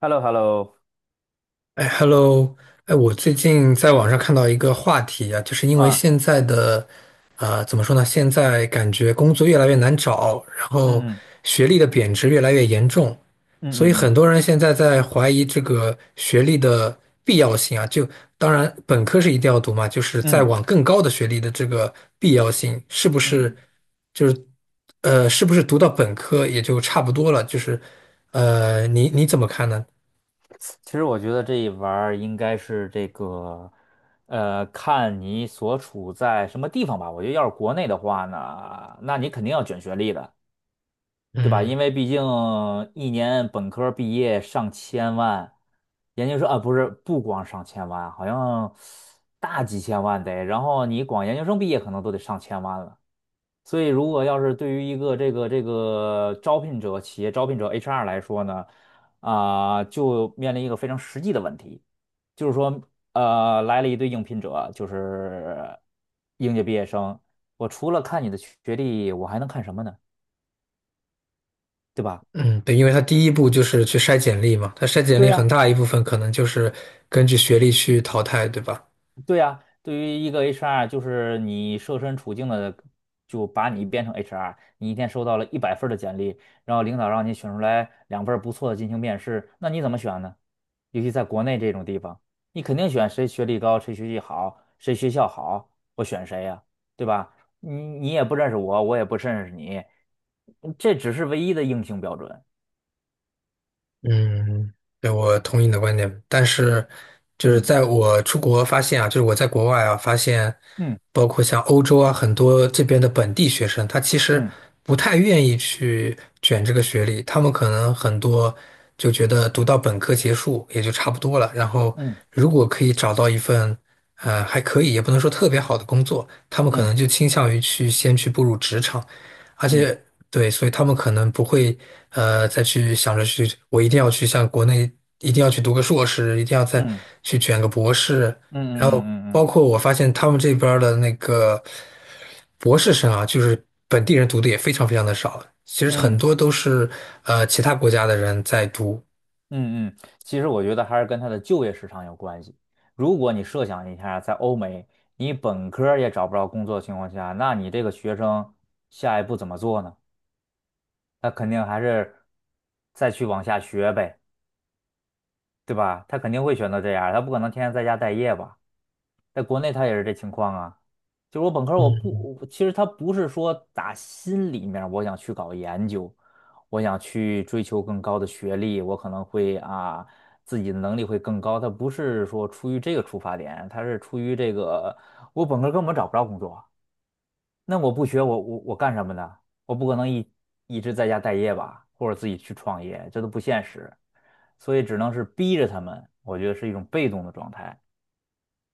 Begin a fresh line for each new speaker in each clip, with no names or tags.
h e l l o h e l l o。
哎，Hello，哎，我最近在网上看到一个话题啊，就是因为
啊。
现在的，怎么说呢？现在感觉工作越来越难找，然后
嗯
学历的贬值越来越严重，所
嗯
以
嗯
很
嗯
多人现在在怀疑这个学历的必要性啊。就当然，本科是一定要读嘛，就是
嗯
再
嗯
往更高的学历的这个必要性，是不
嗯
是
嗯
就是是不是读到本科也就差不多了？就是你怎么看呢？
其实我觉得这一玩儿应该是这个，看你所处在什么地方吧。我觉得要是国内的话呢，那你肯定要卷学历的，对吧？因
嗯。
为毕竟一年本科毕业上千万，研究生啊，不是，不光上千万，好像大几千万得，然后你光研究生毕业可能都得上千万了。所以，如果要是对于一个这个招聘者、企业招聘者 HR 来说呢，就面临一个非常实际的问题，就是说，来了一堆应聘者，就是应届毕业生，我除了看你的学历，我还能看什么呢？对吧？
嗯，对，因为他第一步就是去筛简历嘛，他筛简
对
历很
呀，
大一部分可能就是根据学历去淘汰，对吧？
对呀，对于一个 HR，就是你设身处境的就把你变成 HR，你一天收到了100份儿的简历，然后领导让你选出来2份儿不错的进行面试，那你怎么选呢？尤其在国内这种地方，你肯定选谁学历高，谁学习好，谁学校好，我选谁呀，对吧？你你也不认识我，我也不认识你，这只是唯一的硬性标准。
嗯，对，我同意你的观点，但是就是在我出国发现啊，就是我在国外啊发现，
嗯
包括像欧洲啊，很多这边的本地学生，他其实
嗯
不太愿意去卷这个学历，他们可能很多就觉得读到本科结束也就差不多了，然后
嗯
如果可以找到一份还可以，也不能说特别好的工作，他们可
嗯
能就倾向于去先去步入职场。而
嗯
且对，所以他们可能不会再去想着去，我一定要去像国内一定要去读个硕士，一定要再
嗯嗯
去卷个博士。
嗯
然
嗯
后
嗯嗯嗯
包
嗯
括我发现他们这边儿的那个博士生啊，就是本地人读的也非常非常的少，其实
嗯嗯
很
嗯。
多都是其他国家的人在读。
嗯嗯，其实我觉得还是跟他的就业市场有关系。如果你设想一下，在欧美，你本科儿也找不着工作的情况下，那你这个学生下一步怎么做呢？他肯定还是再去往下学呗，对吧？他肯定会选择这样儿他不可能天天在家待业吧？在国内他也是这情况啊。就是我本科儿我其实他不是说打心里面儿我想去搞研究，我想去追求更高的学历，我可能会啊自己的能力会更高。他不是说出于这个出发点，他是出于这个我本科儿根本找不着工作，那我不学我干什么呢？我不可能一直在家待业吧，或者自己去创业，这都不现实，所以只能是逼着他们，我觉得是一种被动的状态。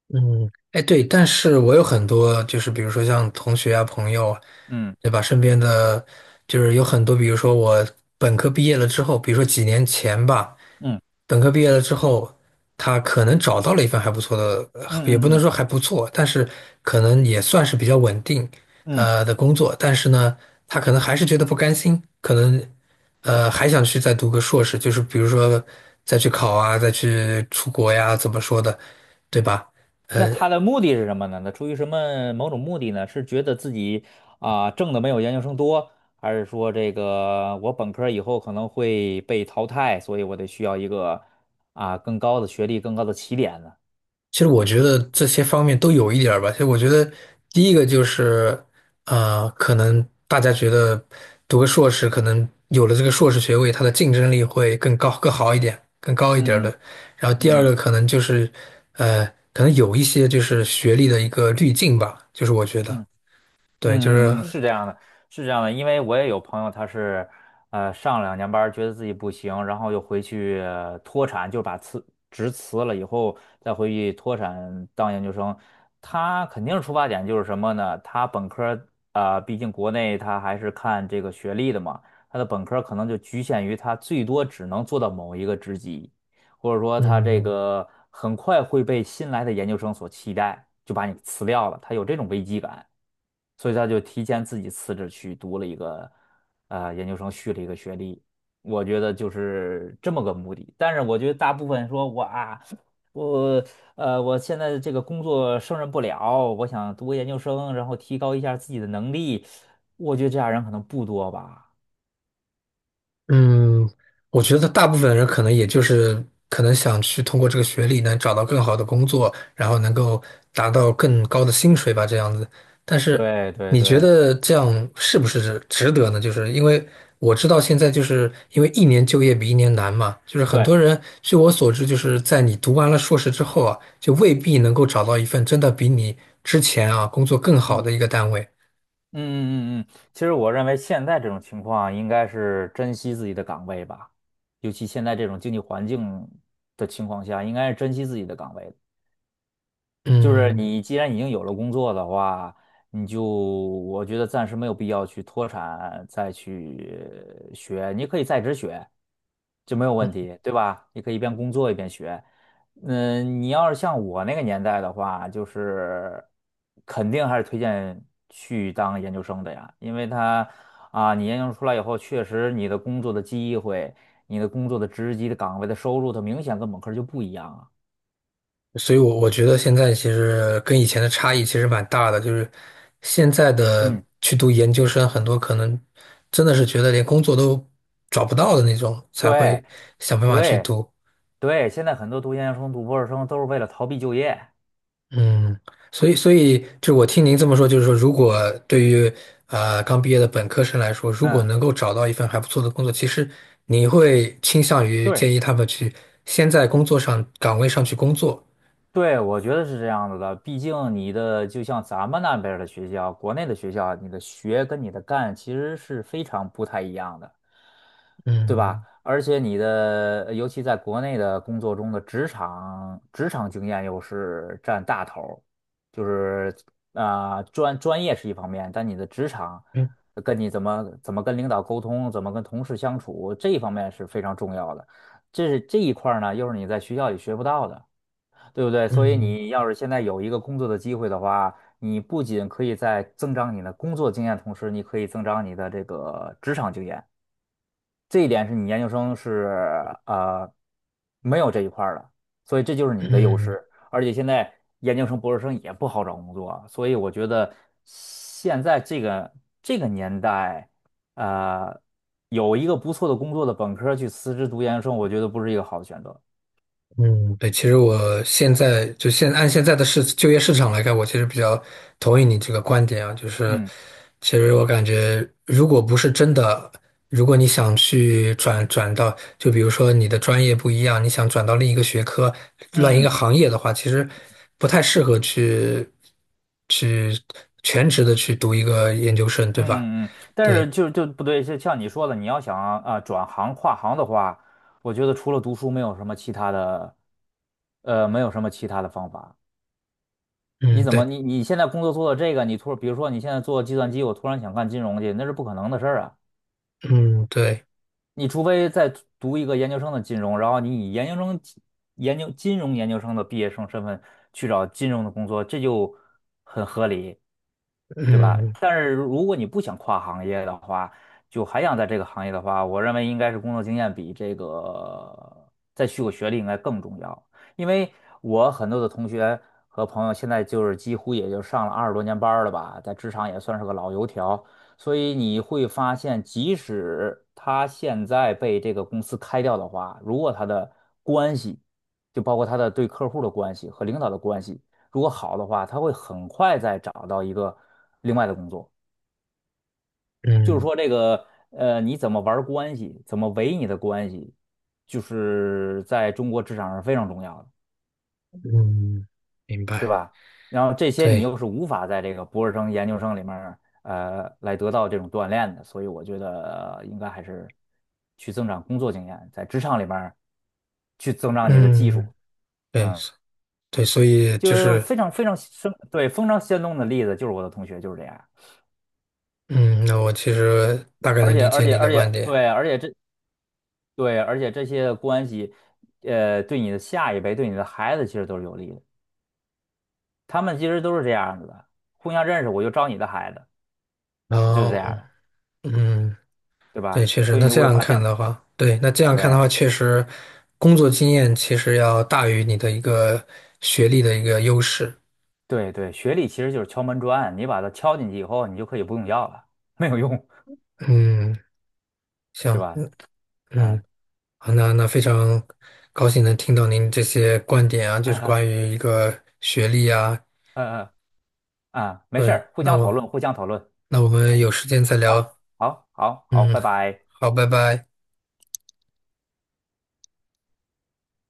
嗯，哎对，但是我有很多就是比如说像同学啊、朋友啊
嗯
对吧？身边的就是有很多，比如说我本科毕业了之后，比如说几年前吧。
嗯
本科毕业了之后，他可能找到了一份还不错的，
嗯
也不
嗯
能
嗯。
说还不错，但是可能也算是比较稳定，
嗯，
的工作。但是呢，他可能还是觉得不甘心，可能还想去再读个硕士，就是比如说再去考啊，再去出国呀，怎么说的，对吧？
那
呃。
他的目的是什么呢？那出于什么某种目的呢？是觉得自己挣的没有研究生多，还是说这个我本科儿以后可能会被淘汰，所以我得需要一个更高的学历、更高的起点呢？
其实我
他
觉
出，
得这些方面都有一点儿吧。其实我觉得第一个就是，可能大家觉得读个硕士，可能有了这个硕士学位，它的竞争力会更高、更好一点、更高一点儿
嗯
的。
嗯
然后第二
嗯嗯
个可能就是，呃，可能有一些就是学历的一个滤镜吧，就是我觉得，
嗯
对，就是，
是这样的，是这样的，因为我也有朋友，他是，上2年班儿觉得自己不行，然后又回去脱产，就把辞职辞了以后，再回去脱产当研究生。他肯定出发点就是什么呢？他本科毕竟国内他还是看这个学历的嘛，他的本科儿可能就局限于他最多只能做到某一个职级，或者说他这
嗯。
个很快会被新来的研究生所替代，就把你辞掉了，他有这种危机感。所以他就提前自己辞职去读了一个研究生，续了一个学历。我觉得就是这么个目的。但是我觉得大部分说我啊，我我现在这个工作胜任不了，我想读个研究生，然后提高一下自己的能力。我觉得这样人可能不多吧。
嗯，我觉得大部分人可能也就是可能想去通过这个学历能找到更好的工作，然后能够达到更高的薪水吧，这样子。但是
对对
你觉
对
得这样是不是值得呢？就是因为我知道现在就是因为一年就业比一年难嘛，就是很
对，
多人据我所知，就是在你读完了硕士之后啊，就未必能够找到一份真的比你之前啊工作更好
嗯。
的一个单位。
嗯嗯嗯，嗯，其实我认为现在这种情况应该是珍惜自己的岗位吧，尤其现在这种经济环境的情况下，应该是珍惜自己的岗位的。就是
嗯。
你既然已经有了工作的话，你就我觉得暂时没有必要去脱产再去学，你可以在职学，就没有问题，对吧？你可以一边工作一边学。你要是像我那个年代的话，就是肯定还是推荐去当研究生的呀，因为你研究生出来以后，确实你的工作的机会、你的工作的职级的岗位的收入，它明显跟本科就不一样啊。
所以我，我觉得现在其实跟以前的差异其实蛮大的，就是现在的
嗯，
去读研究生，很多可能真的是觉得连工作都找不到的那种，才
对。
会想办法去
对，
读。
对，现在很多读研究生、读博士生都是为了逃避就业。
嗯，所以，所以就我听您这么说，就是说，如果对于刚毕业的本科生来说，如果
嗯，
能够找到一份还不错的工作，其实你会倾向于
对，
建议他们去先在工作上岗位上去工作。
对，我觉得是这样子的。毕竟你的就像咱们那边儿的学校，国内的学校，你的学跟你的干其实是非常不太一样的。对吧？
嗯
而且你的，尤其在国内的工作中的职场经验又是占大头儿，就是专业是一方面，但你的职场
嗯
跟你怎么跟领导沟通，怎么跟同事相处，这一方面是非常重要的。这是这一块儿呢，又是你在学校里学不到的，对不对？所以
嗯
你要是现在有一个工作的机会的话，你不仅可以在增长你的工作经验，同时你可以增长你的这个职场经验。这一点是你研究生是呃没有这一块儿的，所以这就是你的优
嗯。
势。而且现在研究生、博士生也不好找工作，所以我觉得现在这个年代，呃，有一个不错的工作的本科儿去辞职读研究生，我觉得不是一个好的选择。
嗯，对，其实我现在就现按现在的市就业市场来看，我其实比较同意你这个观点啊，就是
嗯
其实我感觉，如果不是真的，如果你想去转转到，就比如说你的专业不一样，你想转到另一个学科、另一个
嗯
行业的话，其实不太适合去去全职的去读一个研究生，对吧？
嗯，但
对，
是就不对，就像你说的，你要想转行跨行的话，我觉得除了读书，没有什么其他的，没有什么其他的方法。你
嗯，
怎么
对，
你你现在工作做到这个，比如说你现在做计算机，我突然想干金融去，那是不可能的事儿啊。
嗯，对，
你除非再读一个研究生的金融，然后你以研究生、研究金融研究生的毕业生身份去找金融的工作，这就很合理，对吧？
嗯，
但是如果你不想跨行业的话，就还想在这个行业的话，我认为应该是工作经验比这个再续个学历应该更重要。因为我很多的同学和朋友现在就是几乎也就上了20多年班儿了吧，在职场也算是个老油条。所以你会发现，即使他现在被这个公司开掉的话，如果他的关系，就包括他的对客户的关系和领导的关系，如果好的话，他会很快再找到一个另外的工作。就是
嗯，
说，这个你怎么玩关系，怎么维你的关系，就是在中国职场上非常重要的。
嗯，明
对
白，
吧？然后这些你
对。
又是无法在这个博士生、研究生里面儿来得到这种锻炼的，所以我觉得，应该还是去增长工作经验，在职场里面儿去增长你的技
嗯，
术，
对，
嗯，
对，所以就
就
是，
非常非常生，对，非常生动的例子就是我的同学就是这样，
嗯，那我其实大概
而
能
且
理
而
解
且
你的
而且
观点。
对，而且这对，而且这些关系，对你的下一辈，对你的孩子其实都是有利的，他们其实都是这样子的，互相认识，我就招你的孩子，
然
就是这
后，
样的。
嗯，
对
对，
吧？
确实，
所以你
那
就
这
会
样
发
看
现，
的话，对，那这样看的话，
对
确实，工作经验其实要大于你的一个学历的一个优势。
对对，学历其实就是敲门砖，你把它敲进去以后，你就可以不用要了，没有用，
嗯，
对
行，
吧？
嗯，
啊
嗯，好，那那非常高兴能听到您这些观点啊，就
啊
是关
啊
于一个学历啊，
啊啊！没事
对，
儿，互
那
相讨
我
论，互相讨论。
那我们有时间再
好，
聊。
好，好，好，
嗯，
拜拜。
好，拜拜。